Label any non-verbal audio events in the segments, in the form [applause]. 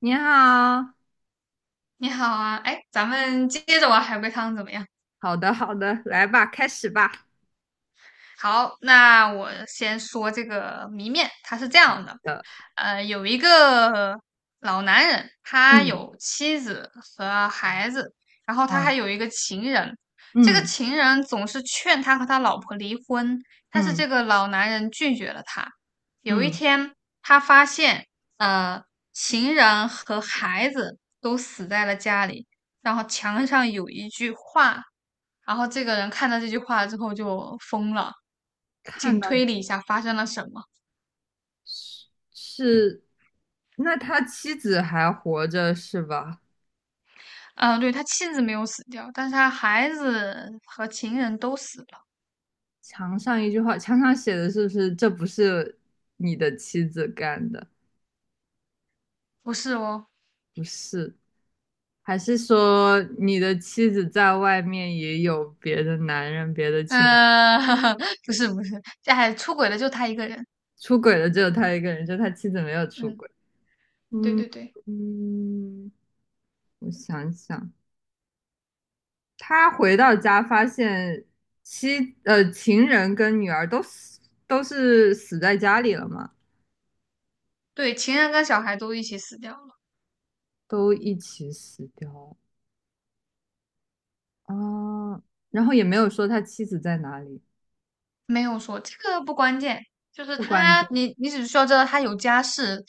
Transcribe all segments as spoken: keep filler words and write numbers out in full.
你好。你好啊，哎，咱们接着玩海龟汤怎么样？好的，好的，来吧，开始吧。好，那我先说这个谜面，它是这好样的，的。呃，有一个老男人，他嗯有妻子和孩子，然后他还嗯有一个情人，这个嗯情人总是劝他和他老婆离婚，但是嗯这个老男人拒绝了他。有一嗯，天，他发现，呃，情人和孩子都死在了家里，然后墙上有一句话，然后这个人看到这句话之后就疯了。看请到推理一下发生了什么？是是，那他妻子还活着是吧？嗯，对，他妻子没有死掉，但是他孩子和情人都死了。墙上一句话，墙上写的是不是这不是你的妻子干的？不是哦。不是。还是说你的妻子在外面也有别的男人、别的情？嗯，[laughs] 不是不是，这还出轨的就他一个人。出轨的只有他一个人，就他妻子没有出嗯，轨。对嗯对对嗯。我想想。他回到家发现妻呃情人跟女儿都死都是死在家里了嘛。对，情人跟小孩都一起死掉了。都一起死掉了。啊，然后也没有说他妻子在哪里。没有说这个不关键，就是不关他，键。你你只需要知道他有家室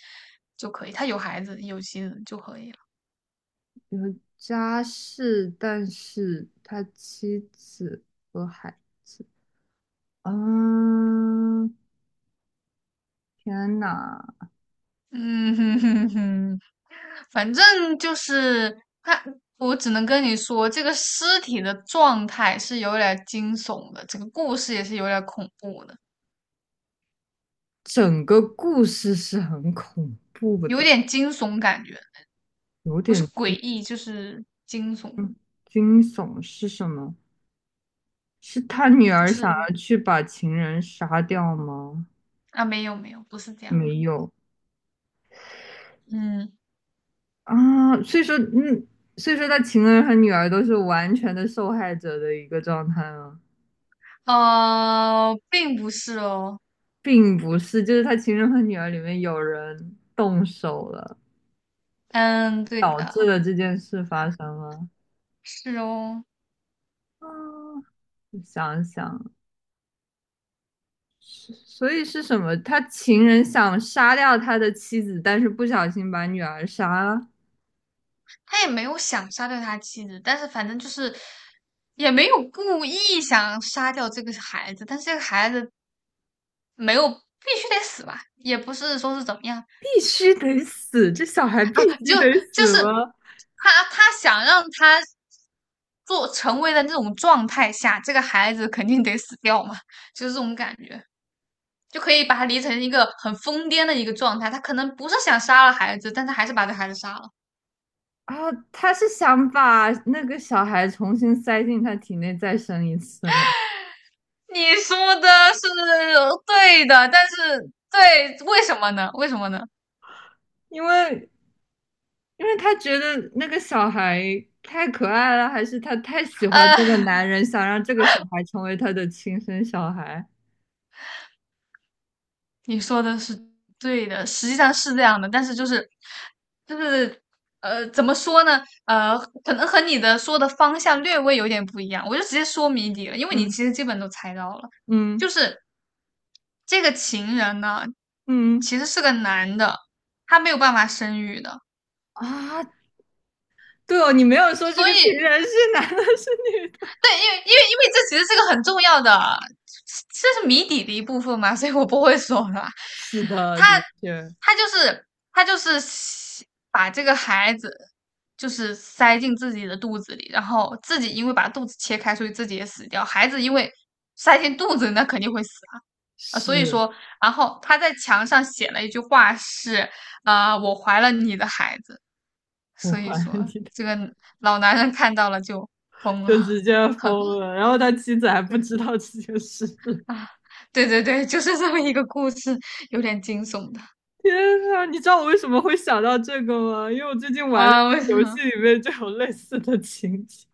就可以，他有孩子有妻子就可以了。有家事，但是他妻子和孩子。啊，天呐。嗯哼哼哼。反正就是他，我只能跟你说，这个尸体的状态是有点惊悚的，整个故事也是有点恐怖的，整个故事是很恐怖有的。点惊悚感觉，有不是点诡异就是惊悚。惊惊悚是什么？是他女就儿想是要去把情人杀掉吗？啊，没有没有，不是这样的。没有嗯。啊。所以说，嗯，所以说他情人和女儿都是完全的受害者的一个状态吗？呃，并不是哦。并不是，就是他情人和女儿里面有人动手了，嗯，对导致的。了这件事发生了。是哦。啊，我想想。是所以是什么？他情人想杀掉他的妻子，但是不小心把女儿杀了。他也没有想杀掉他妻子，但是反正就是。也没有故意想杀掉这个孩子，但是这个孩子没有必须得死吧，也不是说是怎么样必须得死，这小孩必啊。须就得就死是吗？他他想让他做成为的那种状态下，这个孩子肯定得死掉嘛，就是这种感觉，就可以把他理成一个很疯癫的一个状态。他可能不是想杀了孩子，但他还是把这孩子杀了。啊，他是想把那个小孩重新塞进他体内再生一次吗？你说的是对的，但是对，为什么呢？为什么呢？因为因为他觉得那个小孩太可爱了，还是他太喜欢这个呃。男人，想让这个小孩成为他的亲生小孩？你说的是对的，实际上是这样的，但是就是就是呃，怎么说呢？呃，可能和你的说的方向略微有点不一样，我就直接说谜底了，因为你嗯其实基本都猜到了，就嗯是这个情人呢，嗯。其实是个男的，他没有办法生育的，啊，对哦，你没有说这所个情以人是男的，是女的？对，因为因为因为这其实是个很重要的，这是谜底的一部分嘛，[laughs] 所以我不会说了。是的，他的确他就是他就是把这个孩子就是塞进自己的肚子里，然后自己因为把肚子切开，所以自己也死掉。孩子因为塞进肚子，那肯定会死啊。啊所以是。说，然后他在墙上写了一句话是，啊，我怀了你的孩子。我所怀以说，疑的。这个老男人看到了就疯就了。直接疯 [laughs] 了。然后他妻子还不对。知道这件事。啊，对对对，就是这么一个故事，有点惊悚的天呐，你知道我为什么会想到这个吗？因为我最近玩的啊。为什游戏么里面就有类似的情节。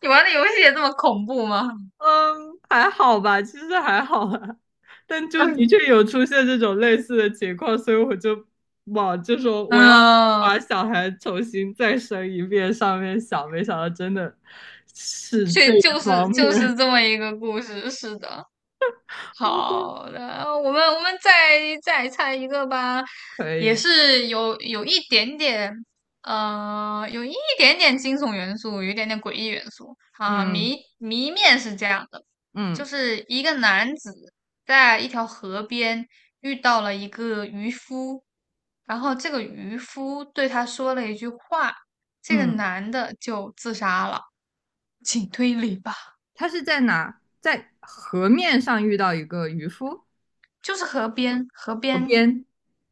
你玩的游戏也这么恐怖吗？嗯，还好吧，其实还好啦。但就的确 [laughs] 有出现这种类似的情况，所以我就往就说我要嗯，把小孩重新再生一遍上面想，没想到真的是这这一就方是就是面。这么一个故事，是的。[laughs] 好的。好的，我们我们再再猜一个吧，可也以。是有有一点点，呃，有一点点惊悚元素，有一点点诡异元素啊。嗯谜谜面是这样的，就嗯是一个男子在一条河边遇到了一个渔夫，然后这个渔夫对他说了一句话，这个嗯。男的就自杀了，请推理吧。他是在哪？在河面上遇到一个渔夫。就是河边，河河边。边，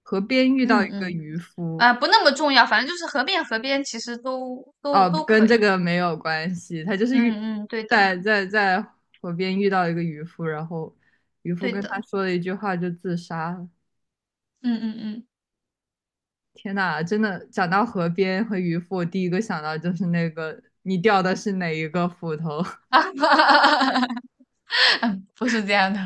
河边遇到一嗯个嗯。渔夫。啊、不那么重要，反正就是河边河边其实都都哦，都跟可这以。个没有关系。他就是遇嗯嗯，对的。在在在河边遇到一个渔夫，然后渔夫对跟他的，说了一句话就自杀了。嗯嗯嗯，天呐，真的讲到河边和渔夫，我第一个想到就是那个你掉的是哪一个斧头。[laughs] 嗯，不是这样的，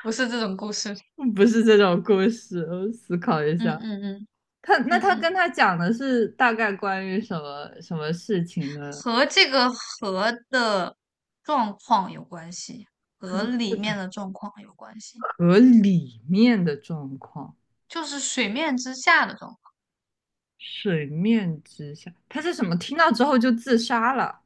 不是这种故事。[laughs] 不是这种故事。我思考一嗯下。嗯嗯他那嗯他跟嗯，他讲的是大概关于什么什么事情呢？和这个河的状况有关系，可和能这里个面的状况有关系，河里面的状况。就是水面之下的状况。水面之下，他是什么？听到之后就自杀了。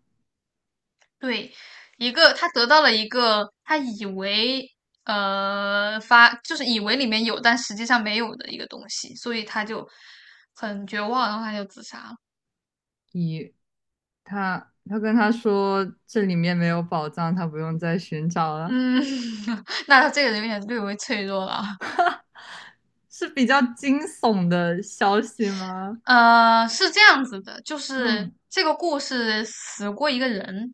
对，一个他得到了一个他以为呃发就是以为里面有，但实际上没有的一个东西，所以他就很绝望，然后他就自杀了。以他，他跟他说这里面没有宝藏，他不用再寻找了，嗯，[laughs] 那他这个人有点略微脆弱了。是比较惊悚的消息吗？呃，是这样子的，就是嗯，这个故事死过一个人。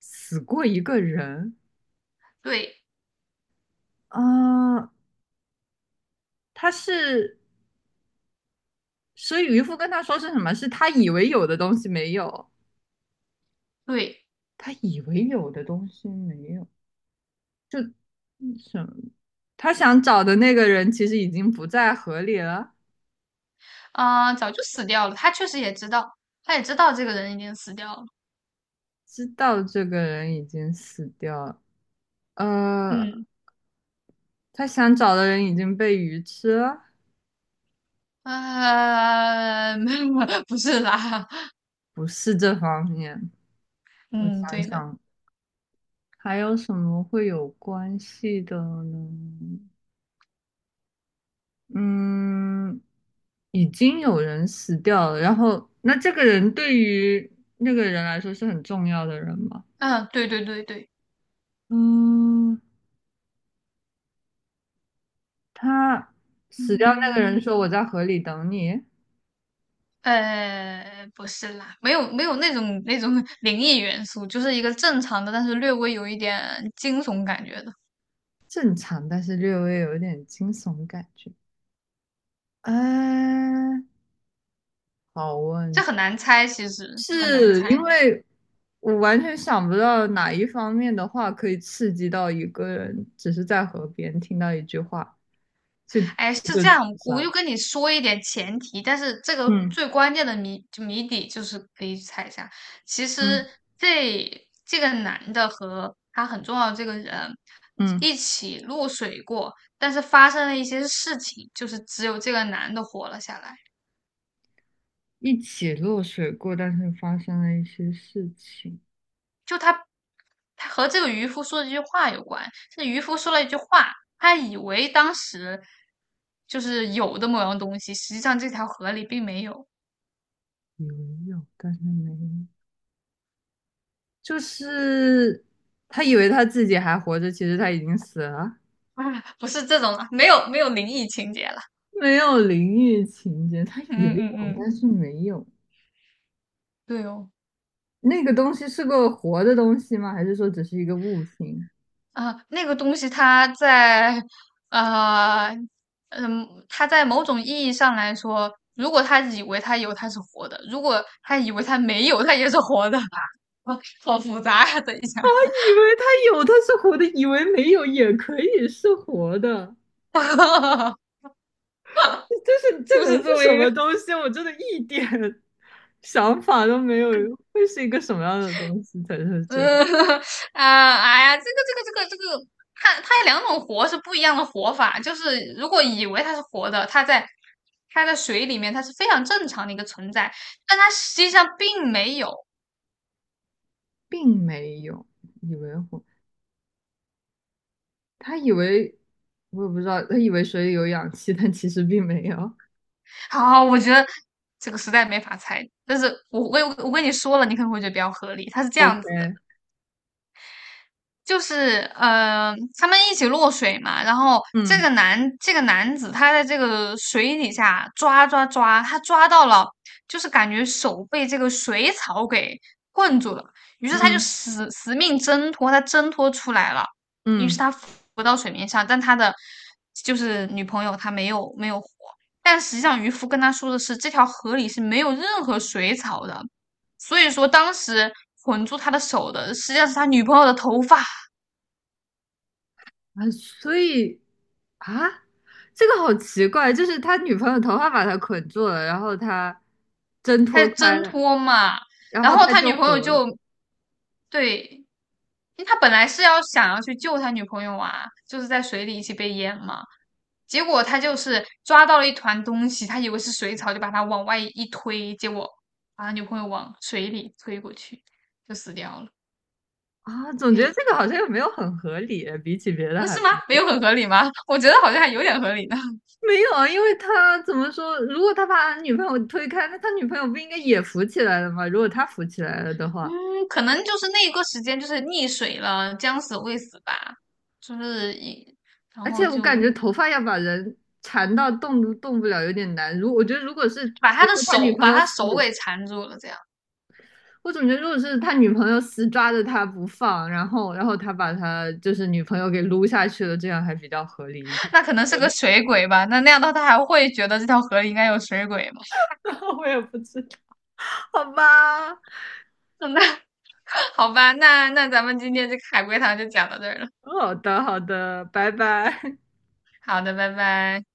死过一个人对啊。呃他是，所以渔夫跟他说是什么？是他以为有的东西没有。对。他以为有的东西没有。嗯什么？他想找的那个人其实已经不在河里了。啊、早就死掉了。他确实也知道，他也知道这个人已经死掉了。知道这个人已经死掉了。呃，嗯。他想找的人已经被鱼吃了。呃，[laughs] 没，不是啦。不是这方面。我嗯，想对的。想，还有什么会有关系的呢？嗯，已经有人死掉了，然后那这个人对于那个人来说是很重要的人吗？嗯，对对对对。嗯，他死掉那个人嗯，说我在河里等你。呃，不是啦，没有没有那种那种 [laughs] 灵异元素，就是一个正常的，但是略微有一点惊悚感觉的。正常，但是略微有一点惊悚感觉。哎，好这问。很难猜，其实很难是因猜。为我完全想不到哪一方面的话可以刺激到一个人，只是在河边听到一句话就哎，是就这样，自我就杀。跟你说一点前提，但是这个嗯最关键的谜就谜底就是可以猜一下。其嗯实这这个男的和他很重要的这个人嗯。一起落水过，但是发生了一些事情，就是只有这个男的活了下来。一起落水过，但是发生了一些事情。就他，他和这个渔夫说的这句话有关。这渔夫说了一句话，他以为当时就是有的某样东西，实际上这条河里并没有。以为有，但是没有。就是他以为他自己还活着，其实他已经死了。[laughs] 啊，不是这种了，没有没有灵异情节了。没有淋浴情节，他以为嗯嗯有，嗯，但是没有。对哦。那个东西是个活的东西吗？还是说只是一个物品？啊，那个东西它在，呃，嗯，它在某种意义上来说，如果他以为他有，他是活的；如果他以为他没有，他也是活的。[laughs] 好复杂呀、等一下。以为它有，它是活的；以为没有，也可以是活的。[laughs] 这是这就能是这是么什一个。么东西？我真的一点 [laughs] 想法都没有。会是一个什么样的东西才是呃 这样 [laughs] 啊，哎呀，这个这个这个这个，它它有两种活是不一样的活法。就是如果以为它是活的，它在它在水里面，它是非常正常的一个存在，但它实际上并没有。并没有。以为活，他以为我也不知道。他以为水里有氧气，但其实并没有。好，我觉得这个实在没法猜。但是我我我跟你说了，你可能会觉得比较合理。它是这样子的，OK。就是呃，他们一起落水嘛，然后这嗯个男这个男子他在这个水底下抓抓抓，他抓到了，就是感觉手被这个水草给困住了，于是他就嗯死死命挣脱，他挣脱出来了，于是嗯。他浮到水面上，但他的就是女朋友她没有没有活，但实际上渔夫跟他说的是这条河里是没有任何水草的，所以说当时。捆住他的手的，实际上是他女朋友的头发。啊，所以啊，这个好奇怪，就是他女朋友头发把他捆住了，然后他挣他脱是开挣了，脱嘛，然然后后他他就女朋友活就了对，因为他本来是要想要去救他女朋友啊，就是在水里一起被淹嘛，结果他就是抓到了一团东西，他以为是水草，就把他往外一推，结果把他女朋友往水里推过去，就死掉了。啊。总可觉得以。这个好像又没有很合理，比起别的嗯，还。是吗？国没有很合理吗？[laughs] 我觉得好像还有点合理呢。[laughs] 没有啊，因为他怎么说，如果他把女朋友推开，那他女朋友不应该也浮起来了吗？如果他浮起来了的话，嗯，可能就是那个时间就是溺水了，将死未死吧，就是一，然而且后我感就觉头发要把人缠到动都动不了有点难。如我觉得如果是，比把他如的说他女手朋把友他死手给缠住了，这样我总觉得，如果是他女朋友死抓着他不放，然后，然后他把他就是女朋友给撸下去了，这样还比较合理一点。那可能是个水鬼吧？那那样的话他还会觉得这条河里应该有水鬼吗？[laughs] 我也不知道。好吧。[laughs] 那好吧，那那咱们今天这个海龟汤就讲到这儿了。好的，好的，拜拜。好的，拜拜。